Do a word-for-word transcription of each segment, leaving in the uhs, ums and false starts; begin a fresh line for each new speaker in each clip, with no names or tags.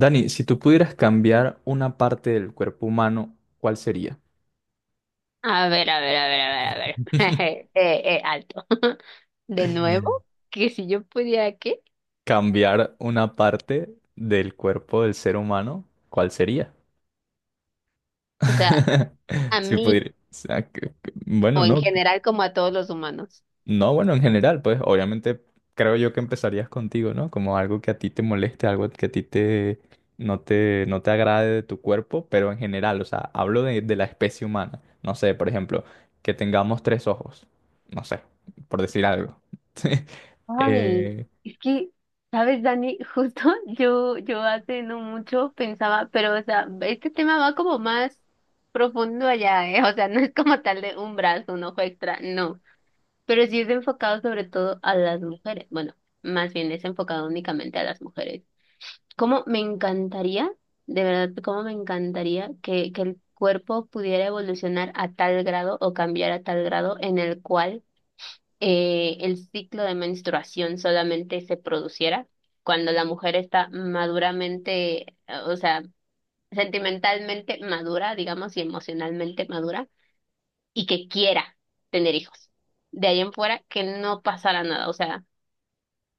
Dani, si tú pudieras cambiar una parte del cuerpo humano, ¿cuál sería?
A ver, a ver, a ver, a ver, a ver. Eh, eh, alto. De nuevo, que si yo pudiera, ¿qué?
Cambiar una parte del cuerpo del ser humano, ¿cuál sería?
O sea, a
Si
mí
pudiera, o sea, que- que-
o
bueno,
en
no.
general como a todos los humanos.
No, bueno, en general, pues obviamente creo yo que empezarías contigo, ¿no? Como algo que a ti te moleste, algo que a ti te no te no te agrade de tu cuerpo, pero en general, o sea, hablo de, de la especie humana. No sé, por ejemplo, que tengamos tres ojos, no sé, por decir algo.
Ay,
Eh,
es que, ¿sabes, Dani? Justo yo, yo hace no mucho pensaba, pero, o sea, este tema va como más profundo allá, ¿eh? O sea, no es como tal de un brazo, un ojo extra, no. Pero sí es enfocado sobre todo a las mujeres. Bueno, más bien es enfocado únicamente a las mujeres. Cómo me encantaría, de verdad, cómo me encantaría que, que el cuerpo pudiera evolucionar a tal grado o cambiar a tal grado en el cual eh, el ciclo de menstruación solamente se produciera cuando la mujer está maduramente, eh, o sea, sentimentalmente madura, digamos, y emocionalmente madura, y que quiera tener hijos. De ahí en fuera, que no pasara nada, o sea,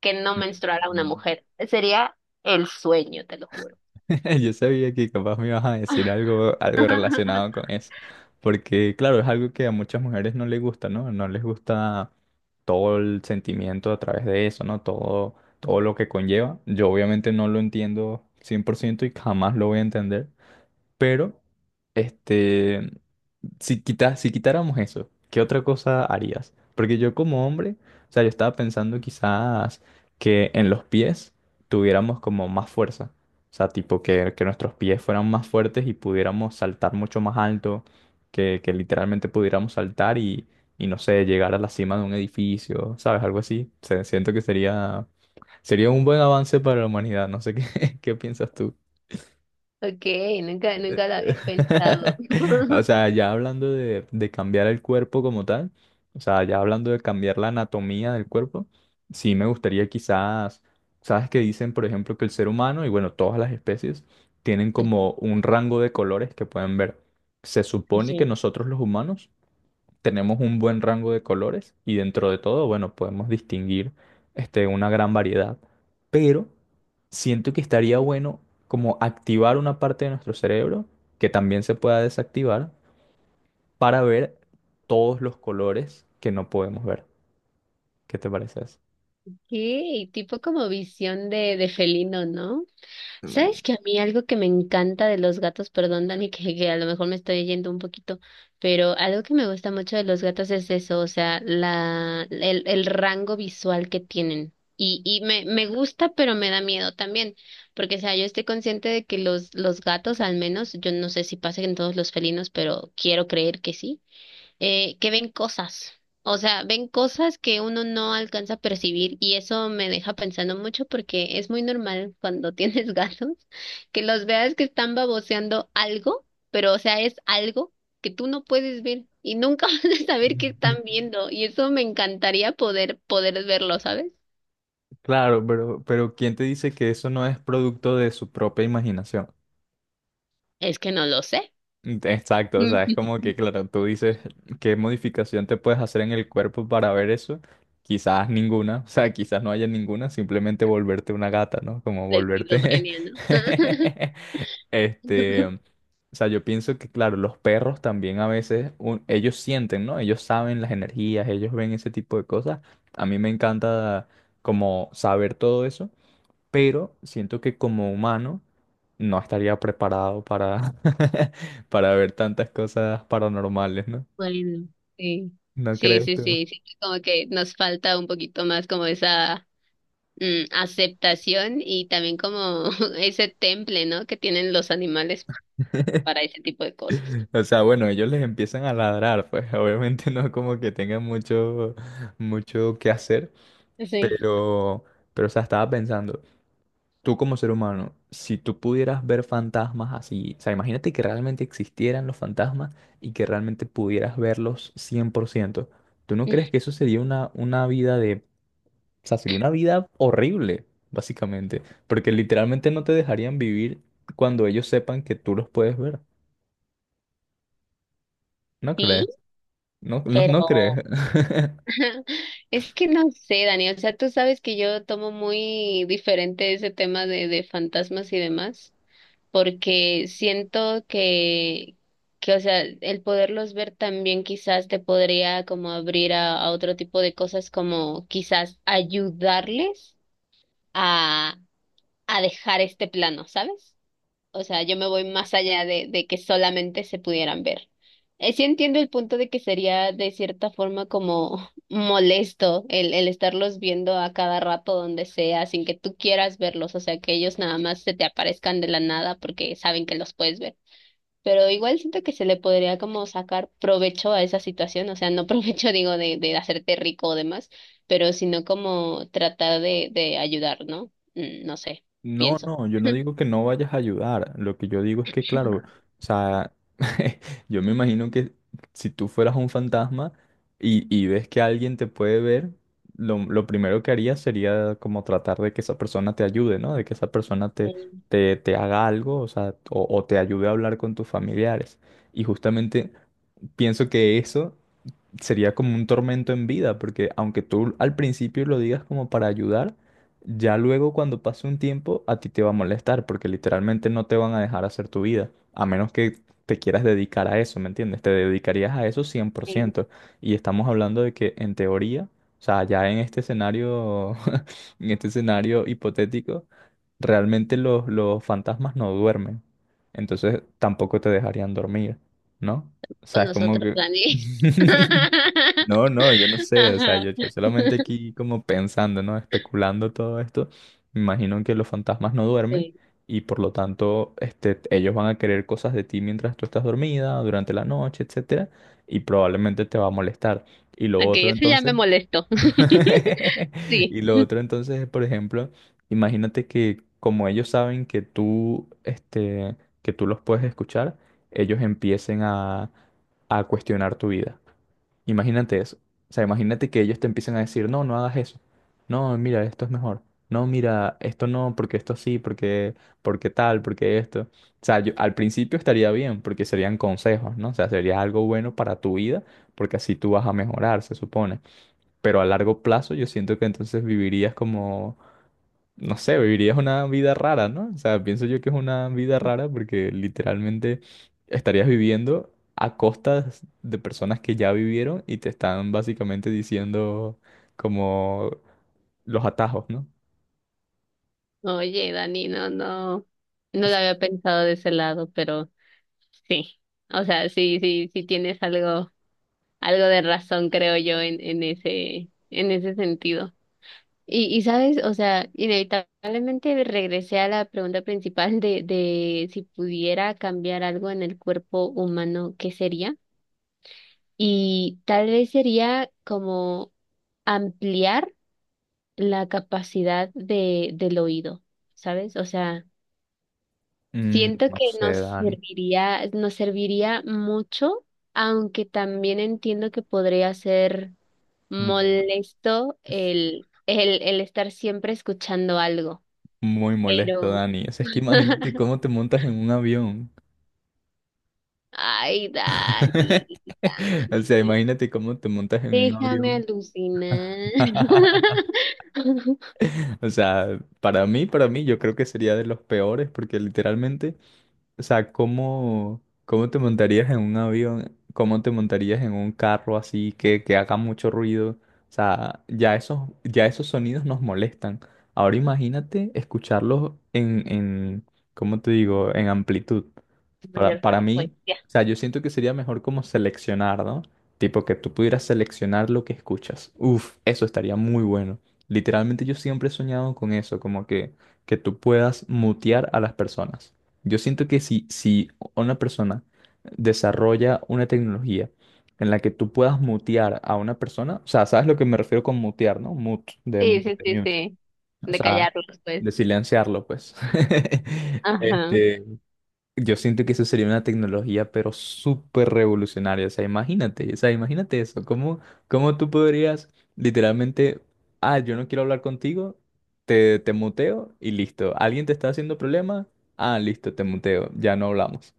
que no menstruara una mujer. Sería el sueño, te lo juro.
Yo sabía que capaz me ibas a decir algo, algo relacionado con eso, porque claro, es algo que a muchas mujeres no les gusta, ¿no? No les gusta todo el sentimiento a través de eso, ¿no? Todo, todo lo que conlleva. Yo obviamente no lo entiendo cien por ciento y jamás lo voy a entender, pero, este, si quita- si quitáramos eso, ¿qué otra cosa harías? Porque yo como hombre, o sea, yo estaba pensando quizás que en los pies tuviéramos como más fuerza. O sea, tipo que, que nuestros pies fueran más fuertes y pudiéramos saltar mucho más alto, que, que literalmente pudiéramos saltar y, y no sé, llegar a la cima de un edificio, ¿sabes? Algo así. Se- siento que sería, sería un buen avance para la humanidad. No sé qué, qué piensas tú.
Ok, nunca, nunca lo había pensado.
O sea, ya hablando de, de cambiar el cuerpo como tal, o sea, ya hablando de cambiar la anatomía del cuerpo, sí me gustaría quizás, sabes que dicen, por ejemplo, que el ser humano y bueno, todas las especies tienen como un rango de colores que pueden ver. Se supone que
Sí.
nosotros los humanos tenemos un buen rango de colores y dentro de todo, bueno, podemos distinguir este, una gran variedad. Pero siento que estaría bueno como activar una parte de nuestro cerebro que también se pueda desactivar para ver todos los colores que no podemos ver. ¿Qué te parece eso?
Ok, tipo como visión de, de felino, ¿no? ¿Sabes que a mí algo que me encanta de los gatos, perdón Dani, que, que a lo mejor me estoy yendo un poquito, pero algo que me gusta mucho de los gatos es eso? O sea, la, el, el rango visual que tienen. Y, y me, me gusta, pero me da miedo también, porque, o sea, yo estoy consciente de que los, los gatos, al menos, yo no sé si pasa en todos los felinos, pero quiero creer que sí. Eh, que ven cosas, o sea, ven cosas que uno no alcanza a percibir, y eso me deja pensando mucho porque es muy normal cuando tienes gatos que los veas que están baboseando algo, pero o sea, es algo que tú no puedes ver y nunca vas a saber qué están viendo, y eso me encantaría poder poder verlo, ¿sabes?
Claro, pero, pero ¿quién te dice que eso no es producto de su propia imaginación?
Es que no lo sé.
Exacto, o sea, es como que, claro, tú dices, ¿qué modificación te puedes hacer en el cuerpo para ver eso? Quizás ninguna, o sea, quizás no haya ninguna, simplemente volverte una gata, ¿no? Como
La
volverte...
esquizofrenia, ¿no?
Este, o sea, yo pienso que, claro, los perros también a veces, un- ellos sienten, ¿no? Ellos saben las energías, ellos ven ese tipo de cosas. A mí me encanta como saber todo eso, pero siento que como humano no estaría preparado para, para ver tantas cosas paranormales, ¿no?
Bueno, sí.
¿No
Sí,
crees
sí,
tú?
sí, siento como que nos falta un poquito más como esa mm, aceptación, y también como ese temple, ¿no? Que tienen los animales para ese tipo de cosas.
O sea, bueno, ellos les empiezan a ladrar, pues obviamente no como que tengan mucho, mucho que hacer,
Sí.
pero, pero, o sea, estaba pensando, tú como ser humano, si tú pudieras ver fantasmas así, o sea, imagínate que realmente existieran los fantasmas y que realmente pudieras verlos cien por ciento. ¿Tú no crees que eso sería una, una vida de... O sea, sería una vida horrible, básicamente, porque literalmente no te dejarían vivir cuando ellos sepan que tú los puedes ver. ¿No
Sí,
crees? No, no, no crees.
pero es que no sé, Dani, o sea, tú sabes que yo tomo muy diferente ese tema de, de fantasmas y demás, porque siento que, que, o sea, el poderlos ver también quizás te podría como abrir a, a otro tipo de cosas, como quizás ayudarles a dejar este plano, ¿sabes? O sea, yo me voy más allá de, de que solamente se pudieran ver. Eh, sí entiendo el punto de que sería de cierta forma como molesto el, el estarlos viendo a cada rato donde sea, sin que tú quieras verlos, o sea, que ellos nada más se te aparezcan de la nada porque saben que los puedes ver, pero igual siento que se le podría como sacar provecho a esa situación, o sea, no provecho digo de, de hacerte rico o demás, pero sino como tratar de, de ayudar, ¿no? Mm, No sé,
No,
pienso.
no, yo no digo que no vayas a ayudar. Lo que yo digo es que, claro, o sea, yo me imagino que si tú fueras un fantasma y, y ves que alguien te puede ver, lo, lo primero que harías sería como tratar de que esa persona te ayude, ¿no? De que esa persona te,
En-
te, te haga algo, o sea, o, o te ayude a hablar con tus familiares. Y justamente pienso que eso sería como un tormento en vida, porque aunque tú al principio lo digas como para ayudar, ya luego cuando pase un tiempo a ti te va a molestar, porque literalmente no te van a dejar hacer tu vida, a menos que te quieras dedicar a eso, ¿me entiendes? Te dedicarías a eso cien por
en-
ciento. Y estamos hablando de que en teoría, o sea, ya en este escenario, en este escenario hipotético, realmente los, los fantasmas no duermen, entonces tampoco te dejarían dormir, ¿no? O sea,
Con
es como
nosotros,
que...
Dani.
No, no, yo no sé, o sea,
Ajá.
yo, yo solamente aquí como pensando, ¿no? Especulando todo esto, me imagino que los fantasmas no duermen
Sí.
y por lo tanto, este, ellos van a querer cosas de ti mientras tú estás dormida, durante la noche, etcétera, y probablemente te va a molestar. Y lo
Ok,
otro
eso ya
entonces...
me molestó. Sí.
Y lo otro entonces es, por ejemplo, imagínate que como ellos saben que tú, este, que tú los puedes escuchar, ellos empiecen a, a cuestionar tu vida. Imagínate eso. O sea, imagínate que ellos te empiecen a decir, no, no hagas eso. No, mira, esto es mejor. No, mira, esto no, porque esto sí, porque, porque tal, porque esto. O sea, yo- al principio estaría bien, porque serían consejos, ¿no? O sea, sería algo bueno para tu vida, porque así tú vas a mejorar, se supone. Pero a largo plazo yo siento que entonces vivirías como, no sé, vivirías una vida rara, ¿no? O sea, pienso yo que es una vida rara porque literalmente estarías viviendo a costas de personas que ya vivieron y te están básicamente diciendo como los atajos, ¿no?
Oye, Dani, no, no, no lo había pensado de ese lado, pero sí. O sea, sí, sí, sí tienes algo. Algo de razón, creo yo, en, en ese, en ese sentido. Y, y sabes, o sea, inevitablemente regresé a la pregunta principal de, de si pudiera cambiar algo en el cuerpo humano, ¿qué sería? Y tal vez sería como ampliar la capacidad de, del oído, ¿sabes? O sea,
Mm,
siento
no
que
sé,
nos
Dani.
serviría, nos serviría mucho, aunque también entiendo que podría ser
Muy,
molesto el, el, el estar siempre escuchando algo.
muy molesto,
Pero,
Dani. O sea, es que imagínate cómo te montas en un avión.
ay, Dani,
O
Dani,
sea, imagínate cómo te montas en un
déjame
avión.
alucinar.
O sea, para mí, para mí, yo creo que sería de los peores porque literalmente, o sea, ¿cómo, cómo te montarías en un avión? ¿Cómo te montarías en un carro así que, que haga mucho ruido? O sea, ya esos, ya esos sonidos nos molestan. Ahora imagínate escucharlos en, en, ¿cómo te digo? En amplitud. Para,
Mayor
para mí,
frecuencia.
o sea, yo siento que sería mejor como seleccionar, ¿no? Tipo que tú pudieras seleccionar lo que escuchas. Uf, eso estaría muy bueno. Literalmente yo siempre he soñado con eso, como que, que tú puedas mutear a las personas. Yo siento que si, si una persona desarrolla una tecnología en la que tú puedas mutear a una persona, o sea, ¿sabes lo que me refiero con mutear, no? Mute, de,
Sí, sí,
de
sí,
mute,
sí.
o
De
sea,
callarlos, pues.
de silenciarlo, pues.
Ajá.
Este, yo siento que eso sería una tecnología, pero súper revolucionaria. O sea, imagínate, o sea, imagínate eso. ¿Cómo, cómo tú podrías literalmente, ah, yo no quiero hablar contigo, te, te muteo y listo. ¿Alguien te está haciendo problema? Ah, listo, te muteo, ya no hablamos.